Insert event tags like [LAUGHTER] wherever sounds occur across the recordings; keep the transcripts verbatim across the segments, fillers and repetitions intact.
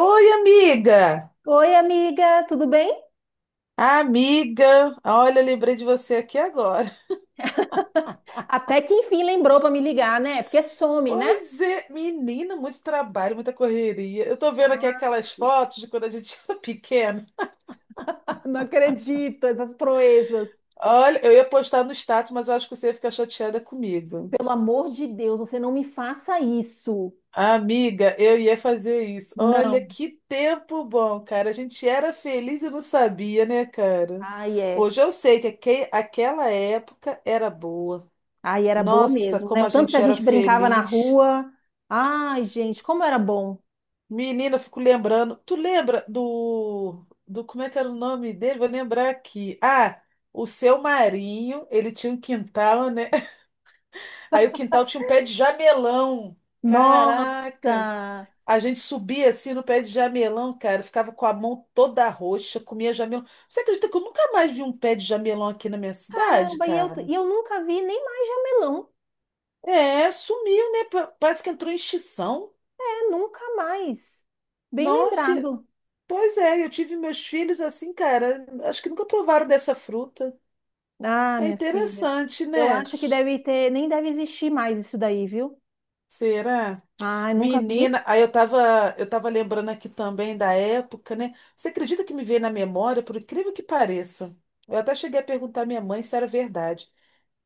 Oi, amiga! Oi, amiga, tudo bem? Amiga, olha, lembrei de você aqui agora. [LAUGHS] Até que enfim lembrou para me ligar, né? Porque some, né? Pois é, menina, muito trabalho, muita correria. Eu tô vendo aqui Ah, aquelas sim. fotos de quando a gente [LAUGHS] era pequena. Não acredito, essas proezas. Olha, eu ia postar no status, mas eu acho que você ia ficar chateada comigo. Pelo amor de Deus, você não me faça isso. Amiga, eu ia fazer isso. Olha Não. que tempo bom, cara. A gente era feliz e não sabia, né, cara? Ai, é. Hoje eu sei que aque- aquela época era boa. Ai, era boa Nossa, mesmo, como né? O a tanto que gente a era gente brincava na feliz. rua. Ai, gente, como era bom. Menina, eu fico lembrando. Tu lembra do, do. Como é que era o nome dele? Vou lembrar aqui. Ah, o seu Marinho, ele tinha um quintal, né? [LAUGHS] Aí o quintal tinha um pé de jamelão. Caraca! Nossa! A gente subia assim no pé de jamelão, cara. Ficava com a mão toda roxa, comia jamelão. Você acredita que eu nunca mais vi um pé de jamelão aqui na minha cidade, Caramba, e eu, cara? e eu nunca vi nem mais jamelão. É, sumiu, né? Pa- Parece que entrou em extinção. É, nunca mais. Bem Nossa, lembrado. pois é, eu tive meus filhos assim, cara. Acho que nunca provaram dessa fruta. Ah, É minha filha. interessante, Eu né? acho que deve ter, nem deve existir mais isso daí, viu? Será? Ai, nunca vi. Menina, aí eu tava, eu tava lembrando aqui também da época, né? Você acredita que me veio na memória, por incrível que pareça? Eu até cheguei a perguntar à minha mãe se era verdade.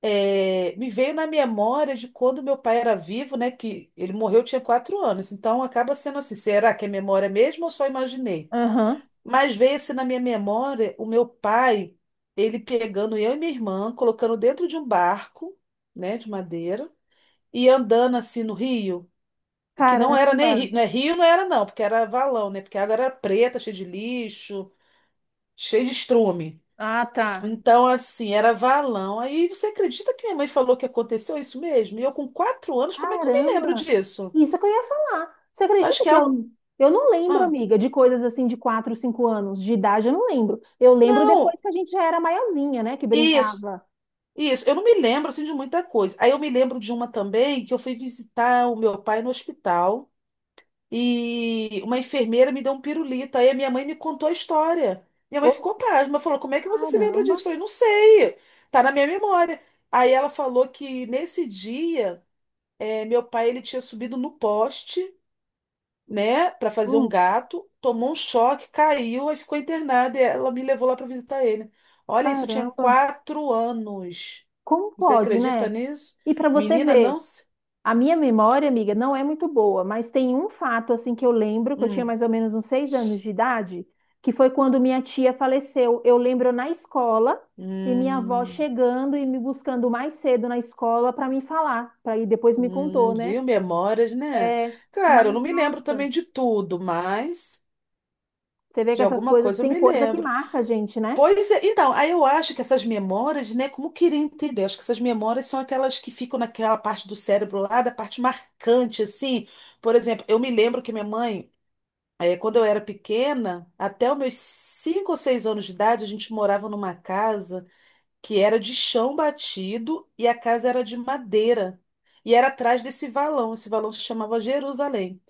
É, me veio na memória de quando meu pai era vivo, né? Que ele morreu, eu tinha quatro anos. Então acaba sendo assim, será que é memória mesmo ou só imaginei? Aham. Mas veio assim na minha memória o meu pai, ele pegando eu e minha irmã, colocando dentro de um barco, né, de madeira, e andando assim no rio, que não era Caramba. nem rio, não é rio, não era não, porque era valão, né, porque a água era preta, cheia de lixo, cheia de estrume. Ah, tá. Então, assim, era valão. Aí você acredita que minha mãe falou que aconteceu isso mesmo? E eu com quatro anos, como é que eu me lembro Caramba. disso? Isso que eu ia falar. Você Acho acredita que é que algo. eu, eu não lembro, Ah, amiga, de coisas assim de quatro, cinco anos de idade, eu não lembro. Eu lembro depois não, que a gente já era maiorzinha, né, que isso. brincava. Isso, eu não me lembro assim de muita coisa. Aí eu me lembro de uma também que eu fui visitar o meu pai no hospital e uma enfermeira me deu um pirulito. Aí a minha mãe me contou a história. Minha mãe ficou Ops, pasma, falou: como é que você se lembra disso? caramba. Eu falei: não sei, tá na minha memória. Aí ela falou que nesse dia eh, meu pai ele tinha subido no poste, né, para fazer um Hum, gato, tomou um choque, caiu e ficou internada. E ela me levou lá para visitar ele. Olha, isso tinha caramba. quatro anos. Como Você pode, acredita né? nisso? E para você Menina, ver, não se. a minha memória, amiga, não é muito boa, mas tem um fato assim que eu lembro, que eu tinha Hum, mais ou menos uns seis anos de idade, que foi quando minha tia faleceu. Eu lembro na escola e minha avó hum, chegando e me buscando mais cedo na escola para me falar, para ir depois me hum, contou, né? viu? Memórias, né? É, Claro, eu não mas me lembro nossa, também de tudo, mas você vê que de essas alguma coisas coisa eu tem me coisa que lembro. marca a gente, né? Pois é, então, aí eu acho que essas memórias, né, como eu queria entender, acho que essas memórias são aquelas que ficam naquela parte do cérebro lá, da parte marcante, assim. Por exemplo, eu me lembro que minha mãe, eh, quando eu era pequena, até os meus cinco ou seis anos de idade, a gente morava numa casa que era de chão batido e a casa era de madeira. E era atrás desse valão, esse valão se chamava Jerusalém.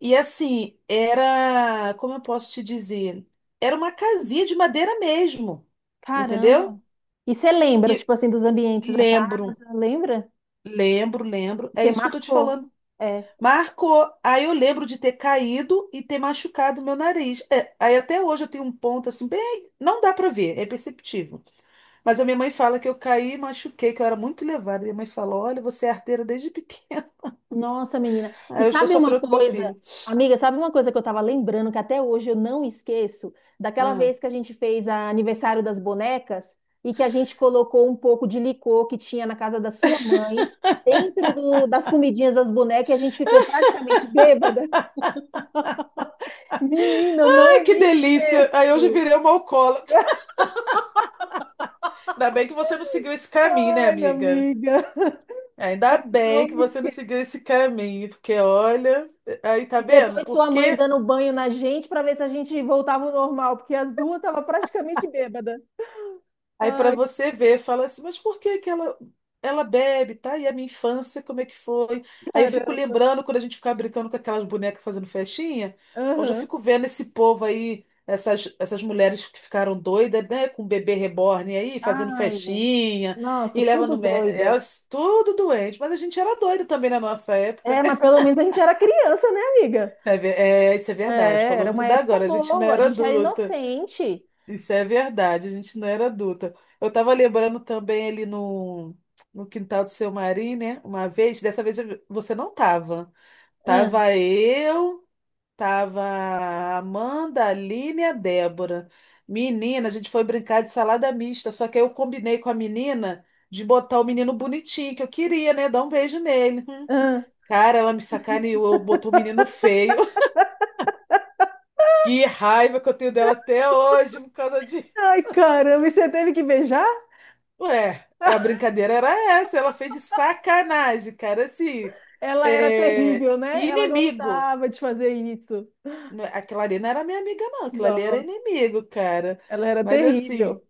E assim, era, como eu posso te dizer, era uma casinha de madeira mesmo, Caramba. entendeu? E você lembra, tipo E assim, dos ambientes da lembro, casa, lembra? lembro, lembro, é Porque isso que eu tô te marcou. falando. É. Marcou, aí eu lembro de ter caído e ter machucado meu nariz. É, aí até hoje eu tenho um ponto assim, bem, não dá pra ver, é perceptível. Mas a minha mãe fala que eu caí e machuquei, que eu era muito levada. Minha mãe falou, olha, você é arteira desde pequena. Nossa, menina. [LAUGHS] E Aí eu estou sabe uma sofrendo com meu coisa, filho. amiga, sabe uma coisa que eu tava lembrando que até hoje eu não esqueço? Daquela Ah. vez que a gente fez a aniversário das bonecas e que a gente colocou um pouco de licor que tinha na casa da sua mãe dentro do- das comidinhas das bonecas e a gente ficou praticamente bêbada. [LAUGHS] Menina, eu Ai, não que me delícia! Aí hoje eu esqueço. virei uma alcoólatra. Ainda bem que você não seguiu esse caminho, né, Ai, amiga? amiga, Ainda bem não que me. você não seguiu esse caminho, porque olha, aí tá E vendo? depois Por sua mãe quê? dando banho na gente para ver se a gente voltava ao normal, porque as duas estavam praticamente bêbadas. Aí pra Ai, você ver, fala assim, mas por que que ela, ela bebe, tá? E a minha infância, como é que foi? Aí eu fico caramba. lembrando quando a gente ficava brincando com aquelas bonecas fazendo festinha. Hoje eu Aham. fico vendo esse povo aí, essas, essas mulheres que ficaram doidas, né, com o bebê reborn aí, fazendo Ai, festinha, nossa, e leva tudo no. mé- doida. Elas tudo doente, mas a gente era doido também na nossa época. É, mas pelo menos a gente era criança, né, amiga? É, ver- é, isso é verdade. É, era Falou uma tudo época agora. A gente não boa, a era gente era adulta. inocente. Isso é verdade. A gente não era adulta. Eu tava lembrando também ali no, no quintal do seu Marim, né? Uma vez, dessa vez eu- você não tava. Ahn, Tava eu, tava a Amanda, a Aline e a Débora. Menina, a gente foi brincar de salada mista. Só que aí eu combinei com a menina de botar o menino bonitinho que eu queria, né? Dar um beijo nele. Hum. ahn. Cara, ela me sacaneou, botou o menino feio. Que raiva que eu tenho dela até hoje por causa disso. Ai, caramba, e você teve que beijar? [LAUGHS] Ué, a brincadeira era essa, ela fez de sacanagem, cara, assim, Ela era é, terrível, né? Ela inimigo. gostava de fazer isso. Não- é, aquela ali não era minha amiga, não, aquela ali era Nossa, inimigo, cara. ela era Mas assim. terrível.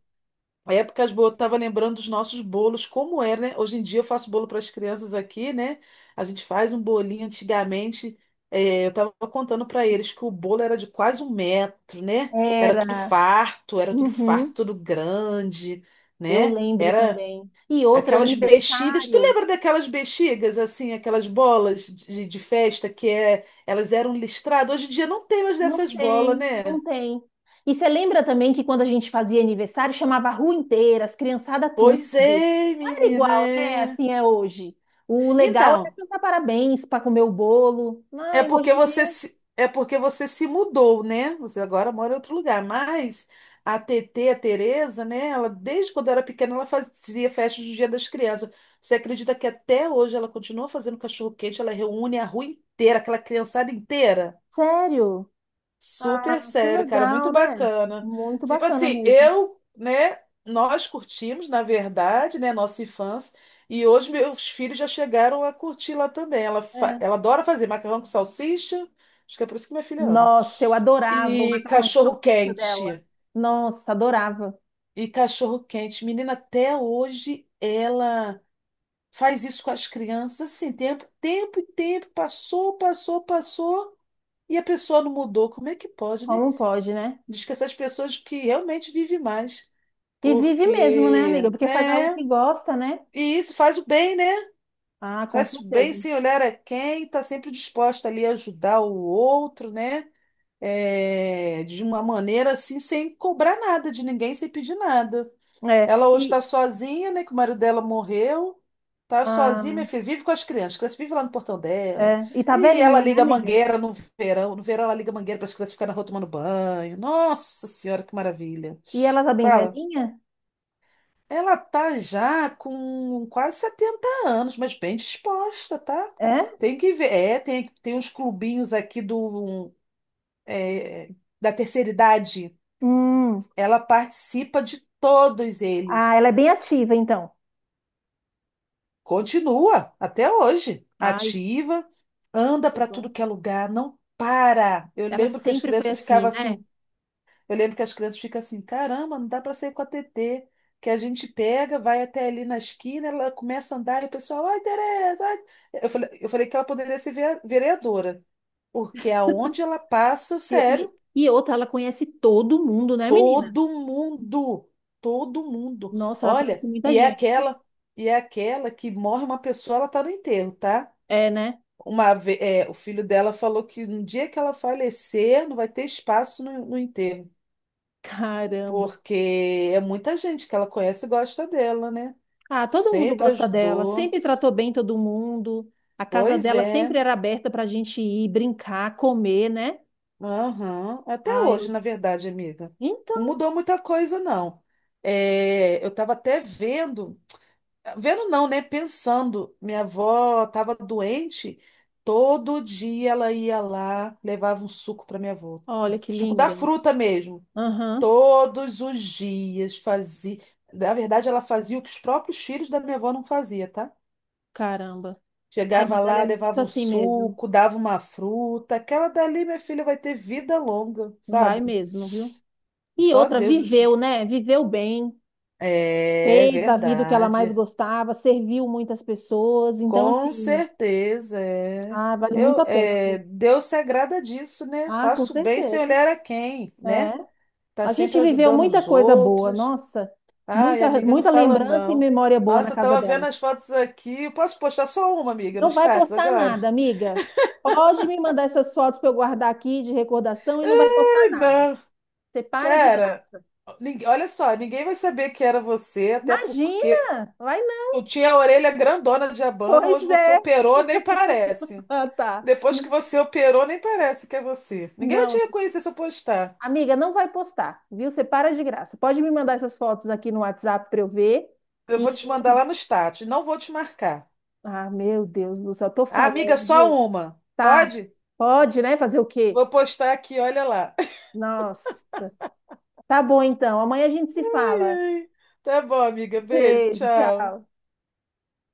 Épocas boas, eu tava lembrando dos nossos bolos, como era, né? Hoje em dia eu faço bolo para as crianças aqui, né? A gente faz um bolinho antigamente. eh, eu tava contando para eles que o bolo era de quase um metro, né? Era tudo Era. farto, era tudo farto, Uhum, tudo grande, eu né? lembro Era também. E outro aquelas bexigas. Tu aniversário. lembra daquelas bexigas, assim, aquelas bolas de, de festa que é, elas eram listradas? Hoje em dia não tem mais Não dessas bolas, tem, não né? tem. E você lembra também que quando a gente fazia aniversário, chamava a rua inteira, as criançadas tudo. Pois é, Não era menina, igual, né? é. Assim é hoje. O legal era Então. cantar parabéns para comer o bolo. É Mas hoje porque em você dia, se, é porque você se mudou, né? Você agora mora em outro lugar. Mas a T T, a Tereza, né? Ela, desde quando era pequena, ela fazia festas do Dia das Crianças. Você acredita que até hoje ela continua fazendo cachorro-quente? Ela reúne a rua inteira, aquela criançada inteira? sério. Super Ah, que sério, cara, muito legal, né? bacana. Muito Tipo bacana assim, mesmo. eu, né, nós curtimos, na verdade, né, nossa infância, e hoje meus filhos já chegaram a curtir lá também. Ela, fa- É. ela adora fazer macarrão com salsicha, acho que é por isso que minha filha ama. Nossa, eu adorava o E macarrão com cachorro salsicha dela. quente. Nossa, adorava. E cachorro quente. Menina, até hoje ela faz isso com as crianças, assim, tempo, tempo e tempo, passou, passou, passou, e a pessoa não mudou. Como é que pode, né? Como pode, né? Diz que essas pessoas que realmente vivem mais, E vive mesmo, né, amiga? porque, Porque faz algo né? que gosta, né? E isso faz o bem, né? Ah, com Faz o bem certeza. sem olhar a quem, está sempre disposta ali a ajudar o outro, né? É, de uma maneira assim, sem cobrar nada de ninguém, sem pedir nada. É. Ela hoje E, está sozinha, né? Que o marido dela morreu. Tá sozinha, minha ah, filha, vive com as crianças. As crianças vivem lá no portão dela. é. E tá E ela velhinha, né, liga a amiga? mangueira no verão. No verão, ela liga a mangueira para as crianças ficarem na rua tomando banho. Nossa Senhora, que maravilha. E ela tá bem Fala. velhinha? Ela tá já com quase setenta anos, mas bem disposta, tá? É? Tem que ver. É, tem, tem uns clubinhos aqui do, é, da terceira idade. Hum. Ela participa de todos Ah, eles. ela é bem ativa, então. Continua até hoje, Ai, ativa, anda que para bom. tudo que é lugar, não para. Eu Ela lembro que as sempre foi crianças assim, ficavam né? assim. Eu lembro que as crianças ficam assim, caramba, não dá para sair com a T T, que a gente pega, vai até ali na esquina, ela começa a andar e o pessoal, ai, Tereza, ai. Eu falei, eu falei que ela poderia ser vea- vereadora, porque aonde ela passa, E, e, sério, e outra, ela conhece todo mundo, né, menina? todo mundo, todo mundo. Nossa, ela conhece Olha, muita e é gente. aquela, e é aquela que morre uma pessoa, ela tá no enterro, tá? É, né? Uma, ve- é, o filho dela falou que no dia que ela falecer, não vai ter espaço no no enterro. Caramba. Porque é muita gente que ela conhece e gosta dela, né? Ah, todo mundo Sempre gosta dela. ajudou. Sempre tratou bem todo mundo. A casa Pois dela é. sempre era aberta pra gente ir brincar, comer, né? Aham. Até Ah, hoje, eu... na verdade, amiga. Não Então, mudou muita coisa, não. É, eu estava até vendo, vendo não, né? Pensando, minha avó estava doente, todo dia ela ia lá, levava um suco para minha avó. olha que Suco da linda. fruta mesmo. Aham, Todos os dias fazia. Na verdade, ela fazia o que os próprios filhos da minha avó não fazia, tá? caramba. Ai, Chegava mas ela lá, é muito levava um assim mesmo. suco, dava uma fruta. Aquela dali, minha filha, vai ter vida longa, Vai sabe? mesmo, viu? E Só outra, Deus. viveu, né? Viveu bem, É fez da vida o que ela mais verdade. gostava, serviu muitas pessoas. Então, Com assim, certeza, é. ah, vale Eu, muito a pena. é, Deus se agrada disso, né? Ah, com Faço bem sem certeza. olhar a quem, É. né? Tá A sempre gente viveu ajudando muita os coisa boa, outros. nossa. Ai, Muita, amiga, não muita fala lembrança e não. memória boa na Nossa, eu casa tava vendo dela. as fotos aqui. Posso postar só uma, amiga, no Não vai status postar agora? nada, amiga. Pode me mandar essas fotos para eu guardar aqui de recordação [LAUGHS] e não vai postar Ai, nada. não. Você para de Cara, graça. ninguém- olha só, ninguém vai saber que era você, até porque Imagina! Vai não. tu tinha a orelha grandona de abano, Pois hoje você é. operou, nem parece. Ah, tá. Depois que N- você operou, nem parece que é você. Ninguém vai te Não, reconhecer se eu postar. amiga, não vai postar, viu? Você para de graça. Pode me mandar essas fotos aqui no WhatsApp para eu ver. Eu E, vou te mandar lá no status, não vou te marcar. ah, meu Deus do céu, tô Ah, amiga, falando, só viu? uma. Tá. Pode? Pode, né? Fazer o quê? Vou postar aqui, olha lá. [LAUGHS] Nossa. Tá bom, então. Amanhã a gente se Ai, fala. ai. Tá bom, amiga. Beijo, Beijo, tchau. tchau.